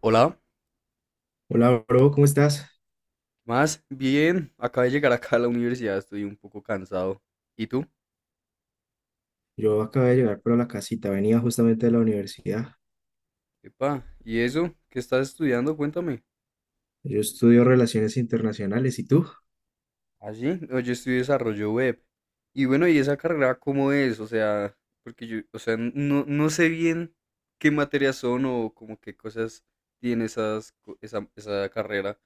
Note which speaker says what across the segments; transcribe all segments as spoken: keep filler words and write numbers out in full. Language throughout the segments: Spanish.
Speaker 1: Hola,
Speaker 2: Hola, bro, ¿cómo estás?
Speaker 1: más bien, acabé de llegar acá a la universidad, estoy un poco cansado. ¿Y tú?
Speaker 2: Yo acabé de llegar por la casita, venía justamente de la universidad.
Speaker 1: Epa, ¿y eso? ¿Qué estás estudiando? Cuéntame.
Speaker 2: Yo estudio relaciones internacionales, ¿y tú?
Speaker 1: ¿Ah, sí? No, yo estudio desarrollo web. Y bueno, ¿y esa carrera cómo es? O sea, porque yo, o sea, no, no sé bien qué materias son o como qué cosas tiene esas, co- esa, esa carrera.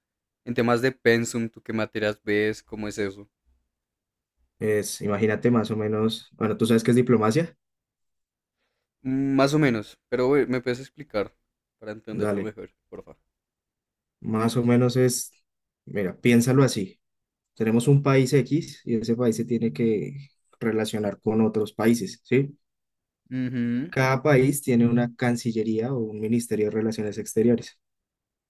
Speaker 1: En temas de pensum, ¿tú qué materias ves? ¿Cómo es eso?
Speaker 2: Es, imagínate más o menos, bueno, ¿tú sabes qué es diplomacia?
Speaker 1: Mm, más o menos, pero eh, me puedes explicar para entenderlo
Speaker 2: Dale,
Speaker 1: mejor, por
Speaker 2: más o menos es, mira, piénsalo así. Tenemos un país X y ese país se tiene que relacionar con otros países, ¿sí?
Speaker 1: favor.
Speaker 2: Cada país tiene una cancillería o un ministerio de relaciones exteriores.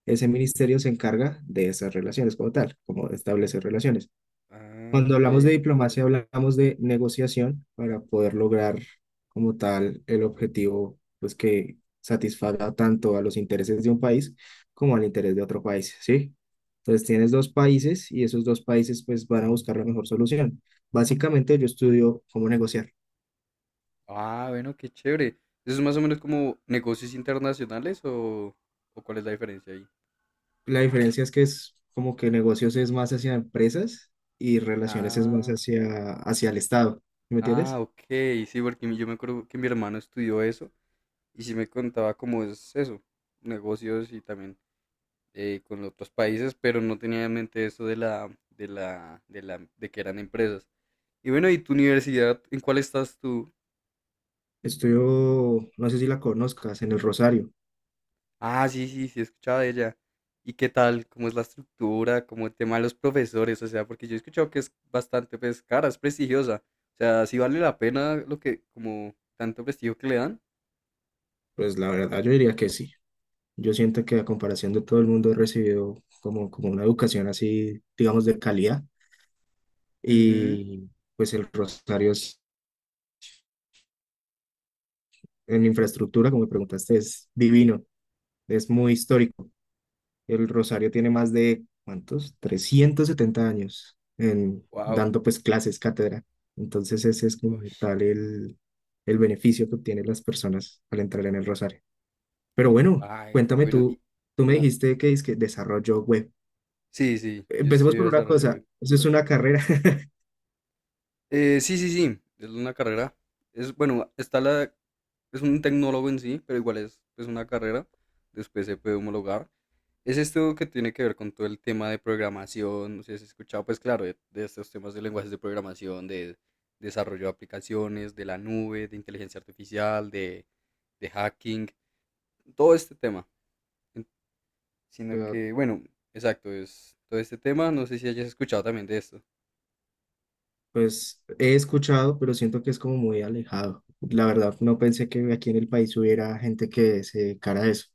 Speaker 2: Ese ministerio se encarga de esas relaciones como tal, como de establecer relaciones.
Speaker 1: Ah,
Speaker 2: Cuando hablamos de
Speaker 1: ok.
Speaker 2: diplomacia, hablamos de negociación para poder lograr como tal el objetivo, pues que satisfaga tanto a los intereses de un país como al interés de otro país, ¿sí? Entonces tienes dos países y esos dos países pues van a buscar la mejor solución. Básicamente yo estudio cómo negociar.
Speaker 1: Ah, bueno, qué chévere. ¿Eso es más o menos como negocios internacionales o, o cuál es la diferencia ahí?
Speaker 2: La diferencia es que es como que negocios es más hacia empresas y relaciones es más
Speaker 1: Ah,
Speaker 2: hacia, hacia el Estado, ¿sí, ¿me
Speaker 1: ah,
Speaker 2: entiendes?
Speaker 1: ok. Sí, porque mi- yo me acuerdo que mi hermano estudió eso y sí me contaba cómo es eso, negocios y también eh, con otros países, pero no tenía en mente eso de la, de la, de la, de que eran empresas. Y bueno, ¿y tu universidad? ¿En cuál estás tú?
Speaker 2: Estudio, no sé si la conozcas, en el Rosario.
Speaker 1: Ah, sí, sí, sí, he escuchado de ella. ¿Y qué tal? ¿Cómo es la estructura? ¿Cómo el tema de los profesores? O sea, porque yo he escuchado que es bastante, pues, cara, es prestigiosa. O sea, sí vale la pena lo que, como, tanto prestigio que le dan.
Speaker 2: Pues la verdad yo diría que sí. Yo siento que a comparación de todo el mundo he recibido como, como una educación así, digamos, de calidad.
Speaker 1: Mhm.
Speaker 2: Y pues el Rosario es- en infraestructura, como me preguntaste, es divino, es muy histórico. El Rosario tiene más de, ¿cuántos? Trescientos setenta años, en,
Speaker 1: Wow.
Speaker 2: dando pues clases, cátedra. Entonces ese es como tal el, el beneficio que obtienen las personas al entrar en el Rosario. Pero bueno,
Speaker 1: Ay,
Speaker 2: cuéntame
Speaker 1: bueno. Y,
Speaker 2: tú, tú me dijiste que es que desarrollo web.
Speaker 1: sí, sí, yo
Speaker 2: Empecemos
Speaker 1: estudié
Speaker 2: por una
Speaker 1: desarrollo
Speaker 2: cosa,
Speaker 1: web.
Speaker 2: eso es una carrera.
Speaker 1: Eh, sí, sí, sí, es una carrera. Es, bueno, está la, es un tecnólogo en sí, pero igual es, es una carrera. Después se puede homologar. Es esto que tiene que ver con todo el tema de programación, no sé si has escuchado, pues claro, de, de estos temas de lenguajes de programación, de desarrollo de aplicaciones, de la nube, de inteligencia artificial, de, de hacking, todo este tema. En- Sino
Speaker 2: O sea,
Speaker 1: que, bueno, exacto, es todo este tema, no sé si hayas escuchado también de esto.
Speaker 2: pues he escuchado, pero siento que es como muy alejado. La verdad, no pensé que aquí en el país hubiera gente que se dedicara a eso.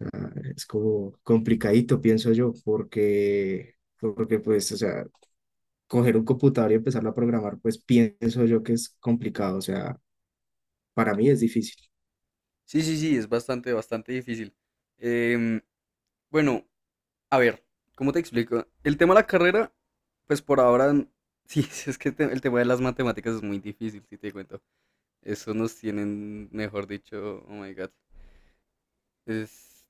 Speaker 2: O sea, es como complicadito, pienso yo, porque, porque pues, o sea, coger un computador y empezarlo a programar, pues pienso yo que es complicado. O sea, para mí es difícil.
Speaker 1: Sí, sí, sí, es bastante, bastante difícil. Em, bueno, a ver, ¿cómo te explico? El tema de la carrera, pues por ahora, n- sí, es que te- el tema de las matemáticas es muy difícil, si te cuento. Eso nos tienen, mejor dicho, oh my god. Es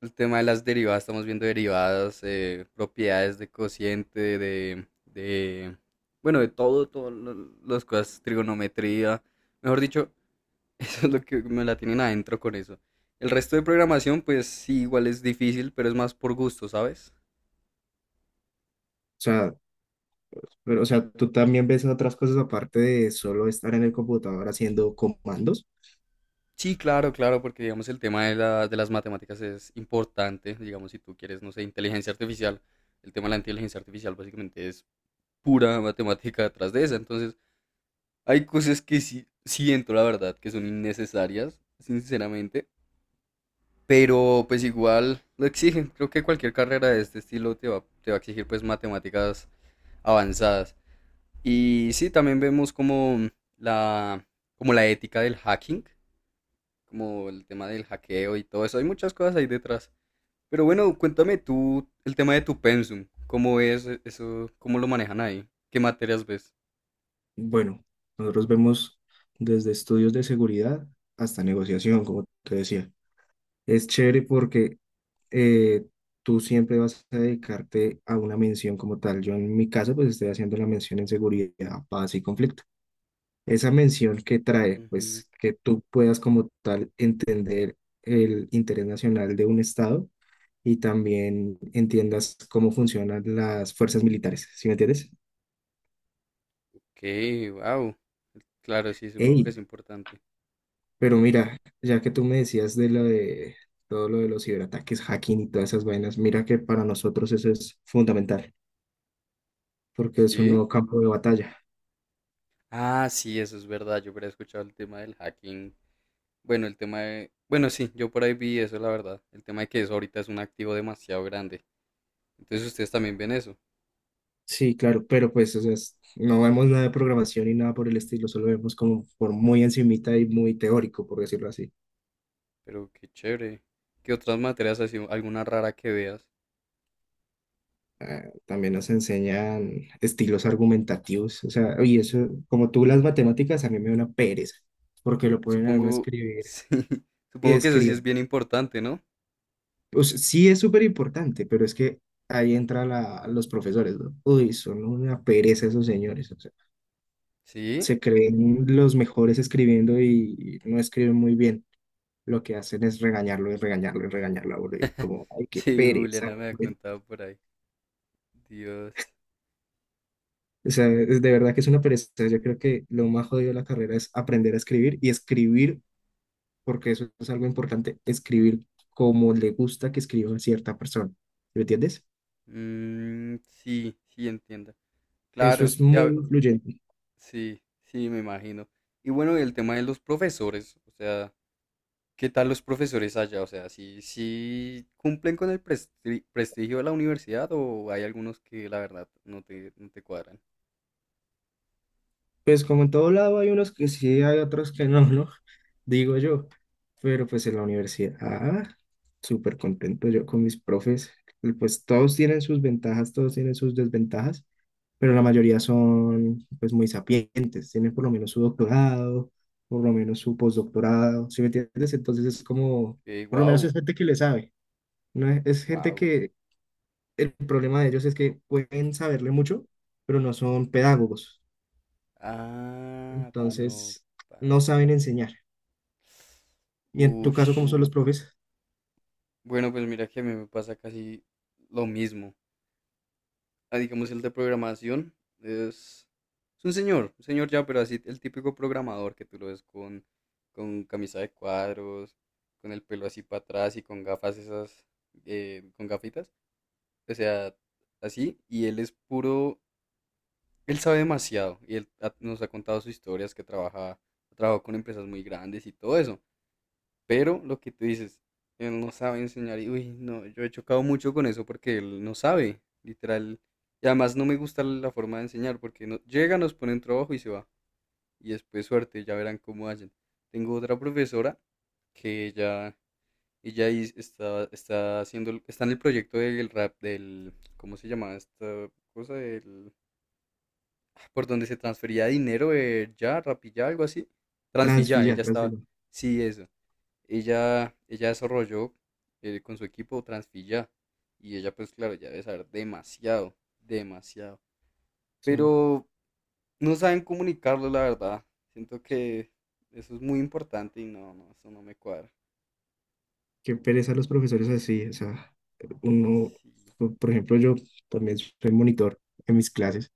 Speaker 1: el tema de las derivadas, estamos viendo derivadas, eh, propiedades de cociente, de, de, bueno, de todo, todas las cosas, trigonometría, mejor dicho, eso es lo que me la tienen adentro con eso. El resto de programación, pues sí, igual es difícil, pero es más por gusto, ¿sabes?
Speaker 2: O sea, pero, o sea, tú también ves otras cosas aparte de solo estar en el computador haciendo comandos.
Speaker 1: Sí, claro, claro, porque digamos el tema de, la- de las matemáticas es importante, digamos si tú quieres, no sé, inteligencia artificial, el tema de la inteligencia artificial básicamente es pura matemática detrás de esa. Entonces, hay cosas que sí siento, la verdad, que son innecesarias, sinceramente. Pero pues igual lo exigen. Creo que cualquier carrera de este estilo te va, te va a exigir pues matemáticas avanzadas. Y sí, también vemos como la, como la ética del hacking, como el tema del hackeo y todo eso. Hay muchas cosas ahí detrás. Pero bueno, cuéntame tú el tema de tu pensum. ¿Cómo es eso? ¿Cómo lo manejan ahí? ¿Qué materias ves?
Speaker 2: Bueno, nosotros vemos desde estudios de seguridad hasta negociación, como te decía. Es chévere porque eh, tú siempre vas a dedicarte a una mención como tal. Yo en mi caso, pues estoy haciendo la mención en seguridad, paz y conflicto. Esa mención que trae,
Speaker 1: Ujú.
Speaker 2: pues que tú puedas como tal entender el interés nacional de un Estado y también entiendas cómo funcionan las fuerzas militares, ¿sí me entiendes?
Speaker 1: Okay, wow. Claro, sí, supongo que
Speaker 2: ¡Ey!
Speaker 1: es importante.
Speaker 2: Pero mira, ya que tú me decías de lo de todo lo de los ciberataques, hacking y todas esas vainas, mira que para nosotros eso es fundamental, porque es un
Speaker 1: Sí.
Speaker 2: nuevo campo de batalla.
Speaker 1: Ah, sí, eso es verdad. Yo hubiera escuchado el tema del hacking. Bueno, el tema de... Bueno, sí, yo por ahí vi eso, la verdad. El tema de que eso ahorita es un activo demasiado grande. Entonces ustedes también ven eso.
Speaker 2: Sí, claro, pero pues o sea, es- no vemos nada de programación y nada por el estilo, solo vemos como por muy encimita y muy teórico, por decirlo así.
Speaker 1: Pero qué chévere. ¿Qué otras materias así, alguna rara que veas?
Speaker 2: También nos enseñan estilos argumentativos, o sea, y eso, como tú las matemáticas, a mí me da una pereza, porque lo ponen a uno a
Speaker 1: Supongo,
Speaker 2: escribir
Speaker 1: sí,
Speaker 2: y
Speaker 1: supongo que eso sí
Speaker 2: escriba.
Speaker 1: es bien importante, ¿no?
Speaker 2: Pues sí es súper importante, pero es que ahí entra la, los profesores, ¿no? Uy, son una pereza esos señores, o sea,
Speaker 1: Sí,
Speaker 2: se creen los mejores escribiendo y no escriben muy bien. Lo que hacen es regañarlo y regañarlo y regañarlo a uno, y como, ay, qué
Speaker 1: sí,
Speaker 2: pereza,
Speaker 1: Juliana me ha
Speaker 2: güey.
Speaker 1: contado por ahí. Dios.
Speaker 2: O sea, es de verdad que es una pereza. Yo creo que lo más jodido de la carrera es aprender a escribir y escribir, porque eso es algo importante, escribir como le gusta que escriba a cierta persona. ¿Sí, ¿me entiendes?
Speaker 1: Mm, sí, sí, entiendo.
Speaker 2: Eso
Speaker 1: Claro,
Speaker 2: es muy
Speaker 1: ya,
Speaker 2: influyente.
Speaker 1: sí, sí, me imagino. Y bueno, y el tema de los profesores, o sea, ¿qué tal los profesores allá? O sea, ¿sí, sí cumplen con el presti- prestigio de la universidad o hay algunos que la verdad no te, no te cuadran?
Speaker 2: Pues como en todo lado hay unos que sí, hay otros que no, ¿no? Digo yo. Pero pues en la universidad, ah, súper contento yo con mis profes. Y pues todos tienen sus ventajas, todos tienen sus desventajas, pero la mayoría son pues muy sapientes, tienen por lo menos su doctorado, por lo menos su postdoctorado, ¿sí me entiendes? Entonces es como,
Speaker 1: Eh,
Speaker 2: por lo menos
Speaker 1: wow,
Speaker 2: es gente que le sabe, ¿no? Es es gente
Speaker 1: wow.
Speaker 2: que el problema de ellos es que pueden saberle mucho, pero no son pedagogos,
Speaker 1: Ah, no,
Speaker 2: entonces no
Speaker 1: baila.
Speaker 2: saben enseñar. Y en tu caso, ¿cómo
Speaker 1: Ush.
Speaker 2: son los profes?
Speaker 1: Bueno, pues mira que a mí me pasa casi lo mismo. Ah, digamos, el de programación es, es un señor, un señor ya, pero así el típico programador que tú lo ves con, con camisa de cuadros, con el pelo así para atrás y con gafas esas, eh, con gafitas, o sea, así, y él es puro, él sabe demasiado, y él ha- nos ha contado sus historias que trabaja, ha trabajado con empresas muy grandes y todo eso. Pero lo que tú dices, él no sabe enseñar y, uy, no, yo he chocado mucho con eso porque él no sabe, literal. Y además no me gusta la forma de enseñar porque no, llega, nos pone un trabajo y se va. Y después suerte, ya verán cómo hacen. Tengo otra profesora que ella, ella is- está, está haciendo, el- está en el proyecto del rap, del, ¿cómo se llama esta cosa? Del, ah, por donde se transfería dinero, eh, ya, rapilla, algo así. Transfilla,
Speaker 2: Transfillar,
Speaker 1: ella estaba,
Speaker 2: transfillar. O
Speaker 1: sí, eso. Ella, ella desarrolló eh, con su equipo Transfilla y ella pues claro, ya debe saber demasiado, demasiado.
Speaker 2: sea,
Speaker 1: Pero no saben comunicarlo, la verdad. Siento que eso es muy importante y no, no, eso no me cuadra.
Speaker 2: qué pereza los profesores así. O sea, uno,
Speaker 1: Sí.
Speaker 2: por por ejemplo, yo también soy monitor en mis clases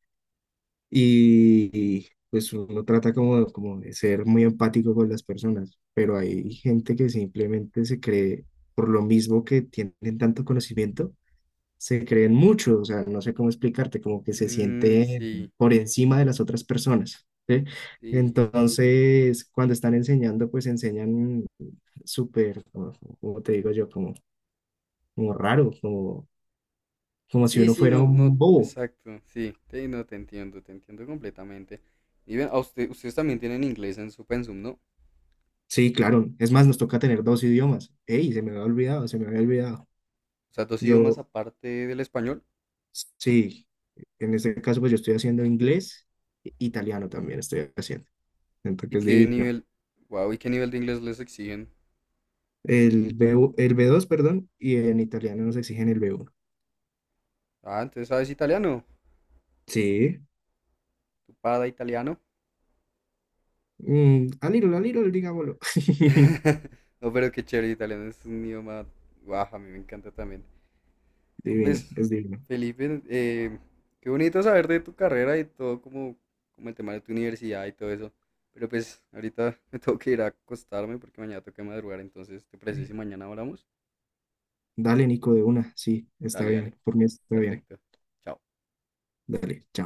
Speaker 2: y pues uno trata como, como de ser muy empático con las personas, pero hay gente que simplemente se cree por lo mismo que tienen tanto conocimiento, se creen mucho, o sea, no sé cómo explicarte, como que se
Speaker 1: Mm,
Speaker 2: siente
Speaker 1: sí,
Speaker 2: por encima de las otras personas, ¿sí?
Speaker 1: sí, sí.
Speaker 2: Entonces, cuando están enseñando, pues enseñan súper, como te digo yo, como, como raro, como, como si
Speaker 1: Sí,
Speaker 2: uno
Speaker 1: sí,
Speaker 2: fuera
Speaker 1: no, no,
Speaker 2: un bobo.
Speaker 1: exacto, sí, te, no, te entiendo, te entiendo completamente. Y ven, a usted, ustedes también tienen inglés en su pensum, ¿no?
Speaker 2: Sí, claro, es más, nos toca tener dos idiomas. ¡Ey! Se me había olvidado, se me había olvidado.
Speaker 1: O sea, dos idiomas
Speaker 2: Yo,
Speaker 1: aparte del español.
Speaker 2: sí, en este caso, pues yo estoy haciendo inglés, e- italiano también estoy haciendo,
Speaker 1: ¿Y
Speaker 2: entonces es
Speaker 1: qué
Speaker 2: divino.
Speaker 1: nivel, wow, y qué nivel de inglés les exigen?
Speaker 2: El B uno, el b dos, perdón, y en italiano nos exigen el b uno.
Speaker 1: Ah, entonces sabes italiano.
Speaker 2: Sí.
Speaker 1: Tu pada italiano.
Speaker 2: Mm, a little, a little, digámoslo.
Speaker 1: No, pero qué chévere, italiano es un idioma, wow, a mí me encanta también. No,
Speaker 2: Divino,
Speaker 1: pues,
Speaker 2: es divino.
Speaker 1: Felipe, eh, qué bonito saber de tu carrera y todo como, como el tema de tu universidad y todo eso. Pero pues, ahorita me tengo que ir a acostarme porque mañana tengo que madrugar, entonces, ¿te parece si mañana hablamos?
Speaker 2: Dale, Nico, de una. Sí, está
Speaker 1: Dale, dale,
Speaker 2: bien. Por mí está bien.
Speaker 1: perfecto. Chao.
Speaker 2: Dale, chao.